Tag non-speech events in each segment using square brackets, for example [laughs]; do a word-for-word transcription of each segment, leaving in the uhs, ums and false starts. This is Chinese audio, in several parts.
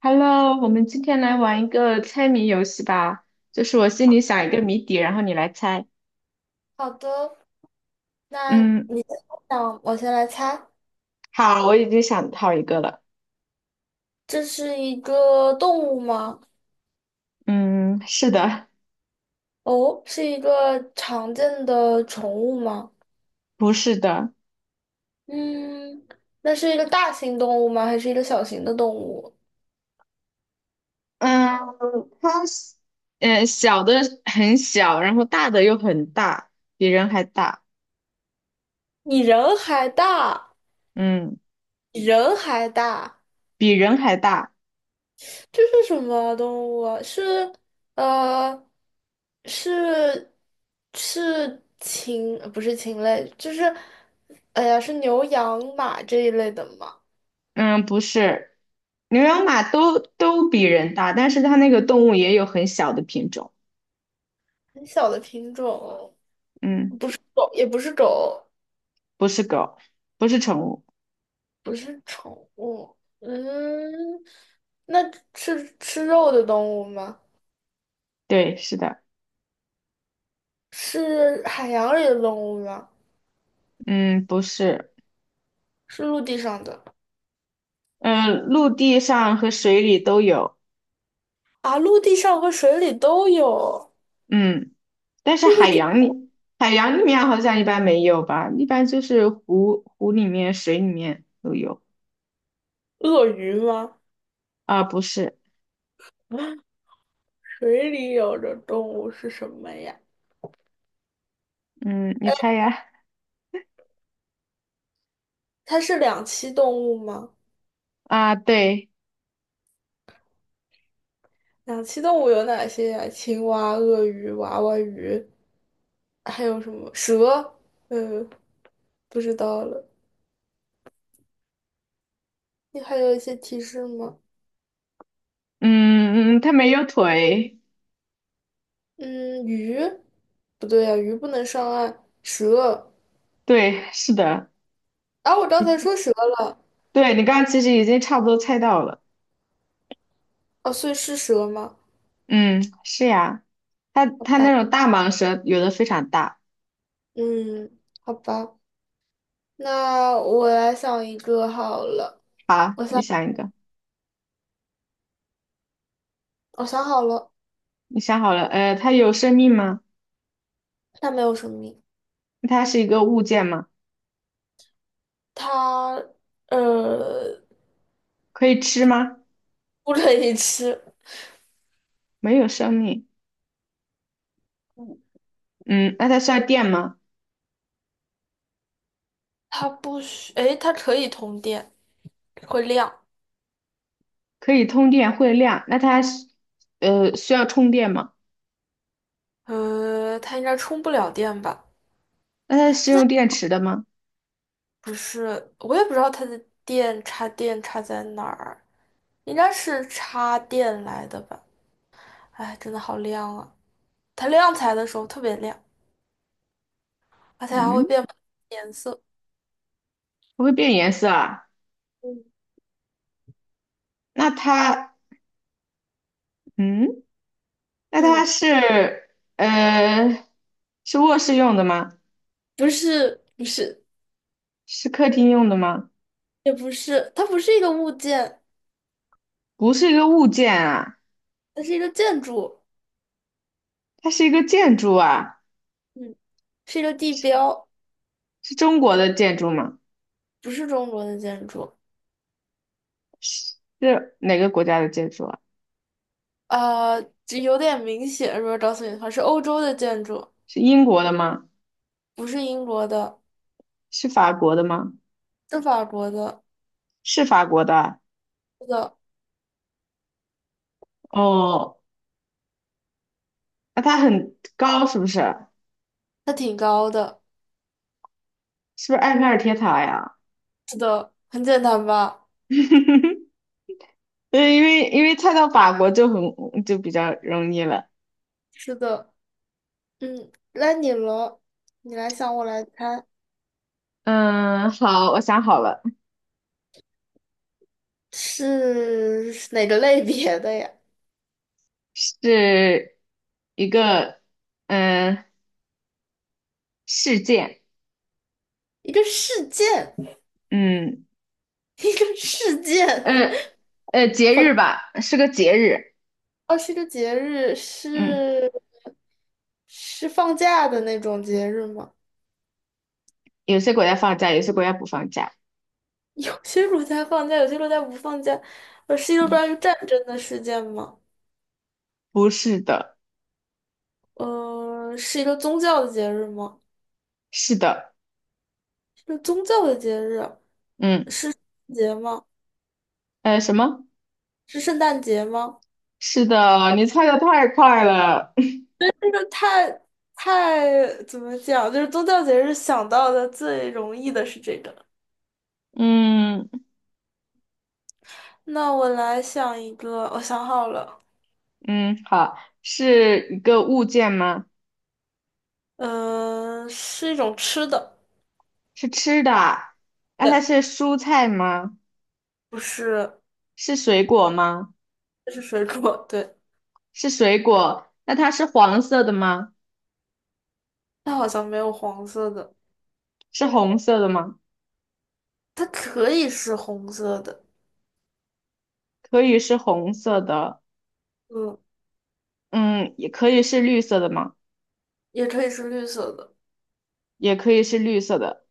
Hello，我们今天来玩一个猜谜游戏吧，就是我心里想一个谜底，然后你来猜。好的，那嗯，你先想，我先来猜，好，我已经想好一个了。这是一个动物吗？嗯，是的。哦，是一个常见的宠物吗？不是的。嗯，那是一个大型动物吗？还是一个小型的动物？嗯，它是，嗯，小的很小，然后大的又很大，比人还大。你人还大，嗯，比人还大，比人还大。这是什么动物啊？是呃，是是禽，呃不是禽类，就是，哎呀，是牛、羊、马这一类的吗？嗯，不是，牛羊马都都比人大，但是它那个动物也有很小的品种。很小的品种，嗯，狗也不是狗，不是狗，不是宠物。不是宠物。嗯，那是吃肉的动物吗？对，是的。是海洋里的动物吗？嗯，不是。是陆地上的？嗯，陆地上和水里都有。啊，陆地上和水里都有嗯，但是海洋里，海洋里面好像一般没有吧，一般就是湖湖里面、水里面都有。鳄鱼吗？啊，不是。[laughs] 啊，水里有的动物是什么呀？嗯，你猜呀？它是两栖动物吗？啊，对。两栖动物有哪些呀？青蛙、鳄鱼、娃娃鱼，还有什么蛇？嗯，不知道了。你还有一些提示吗？嗯嗯，它没有腿。嗯，鱼，不对呀、鱼不能上岸。蛇对，是的。啊，我刚才说蛇了，对，你刚刚其实已经差不多猜到了。哦，所以是蛇吗？嗯，是呀，它好它吧，那种大蟒蛇有的非常大。嗯，好吧，那我来想一个好了。好，我你想，想一个。我想好了，你想好了，呃，它有生命吗？它没有生命，它是一个物件吗？它呃可以吃吗？不可以吃，没有生命。嗯，那它需要电吗？它不需，诶，它可以通电，会亮。可以通电会亮。那它是呃需要充电吗？呃，它应该充不了电吧？那它是用电池的吗？不是，我也不知道它的电插电插在哪儿。应该是插电来的吧？哎，真的好亮啊！它亮起来的时候特别亮，而且还会嗯，变不同的颜色。不会变颜色啊。嗯，那它嗯，那它嗯，是呃是卧室用的吗？不是，不是，是客厅用的吗？也不是，它不是一个物件，不是一个物件啊，它是一个建筑，它是一个建筑啊。嗯，是一个地标，是中国的建筑吗？不是中国的建筑，是是哪个国家的建筑啊？呃，这有点明显，如果告诉你的话，是欧洲的建筑，是英国的吗？不是英国的，是法国的吗？是法国的，是法国的啊。是的，哦，那它很高是不是？它挺高的，是不是埃菲尔铁塔呀？是的，很简单吧？[laughs] 对，因为因为菜到法国就很就比较容易了。是的。嗯，那你了，你来想，我来猜，嗯，好，我想好了，是是哪个类别的呀？是一个嗯事件。一个事件，嗯 [laughs] 一个事呃件，呃节日吧，是个节日。哦，是个节日，嗯，是是放假的那种节日吗？有些国家放假，有些国家不放假。有些国家放假，有些国家不放假。呃，是一个嗯，关于战争的事件吗？不是的。呃，是一个宗教的节日吗？是的。是宗教的节日，嗯是节吗？呃什么？是圣诞节吗？是的，你猜的太快了。这个太太怎么讲？就是宗教节日想到的最容易的是这个。[laughs] 嗯。那我来想一个，我想好了，嗯，好，是一个物件吗？嗯、是一种吃的，是吃的啊。那它对，是蔬菜吗？不是，是水果吗？这是水果，对，是水果，那它是黄色的吗？它好像没有黄色的，是红色的吗？它可以是红色的，可以是红色的。嗯，嗯，也可以是绿色的吗？也可以是绿色的，也可以是绿色的。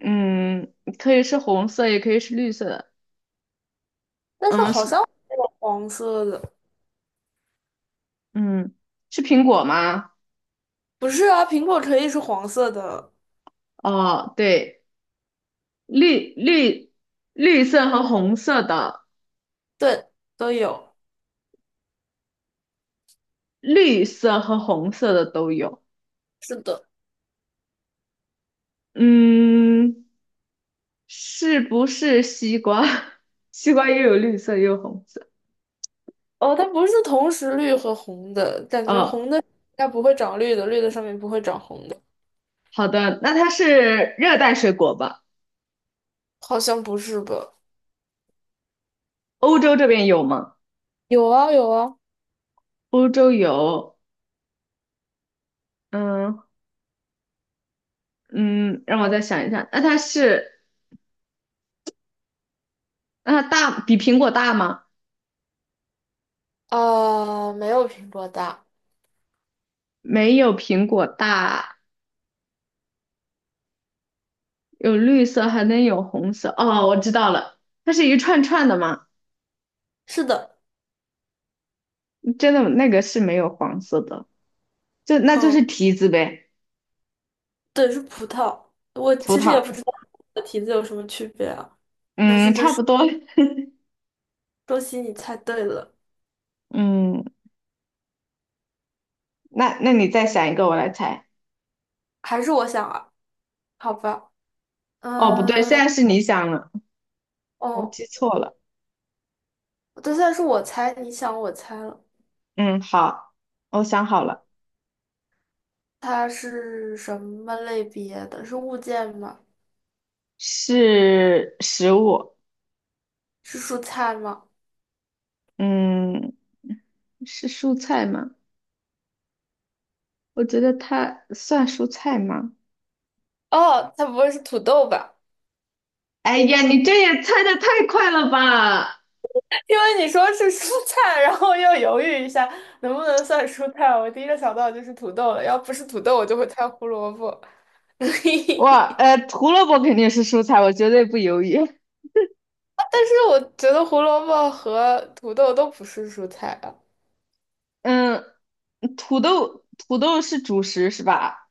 嗯，可以是红色，也可以是绿色的。但是嗯，好是。像没有黄色的，嗯，是苹果吗？不是啊，苹果可以是黄色的，哦，对，绿绿绿色和红色的。对，都有，绿色和红色的都有。是的。嗯，是不是西瓜？[laughs] 西瓜也有绿色，也有红色。哦，它不是同时绿和红的，感觉哦，红的应该不会长绿的，绿的上面不会长红的，好的，那它是热带水果吧？好像不是吧？欧洲这边有吗？有啊有啊，欧洲有。嗯。嗯，让我再想一下。那它是，那它大，比苹果大吗？啊、没有苹果大。没有苹果大，有绿色，还能有红色。哦，我知道了，它是一串串的吗？是的，真的，那个是没有黄色的，就那就嗯，是提子呗，对，是葡萄。我葡其实也萄。不知道的题字有什么区别啊，但是嗯，就差是不多。恭喜你猜对了，嗯，那那你再想一个，我来猜。还是我想啊，好吧，哦，不对，现嗯，在是你想了，我哦，记错了。对，算是我猜，你想我猜了，嗯，好，我想好嗯，了，它是什么类别的？是物件吗？是食物。是蔬菜吗？嗯，是蔬菜吗？我觉得它算蔬菜吗？哦，它不会是土豆吧？哎呀，你这也猜的太快了吧！[laughs] 因为你说是蔬菜，然后又犹豫一下能不能算蔬菜，我第一个想到就是土豆了。要不是土豆，我就会猜胡萝卜。[laughs] 但哇，呃，胡萝卜肯定是蔬菜，我绝对不犹豫。是我觉得胡萝卜和土豆都不是蔬菜啊。嗯，土豆，土豆是主食是吧？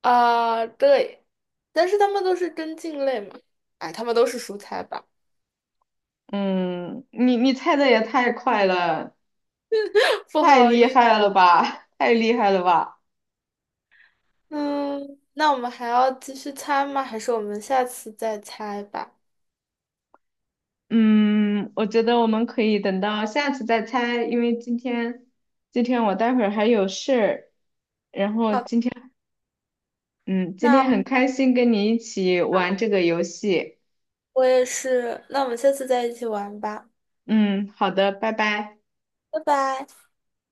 啊，对，但是它们都是根茎类嘛。哎，它们都是蔬菜吧？嗯，你你猜的也太快了，[laughs] 不太好厉意思，害了吧，太厉害了吧！嗯，那我们还要继续猜吗？还是我们下次再猜吧？嗯，我觉得我们可以等到下次再猜，因为今天今天我待会儿还有事儿，然后今天嗯，今天那很开心跟你一起玩这个游戏。我也是，那我们下次再一起玩吧。嗯，好的，拜拜。拜拜。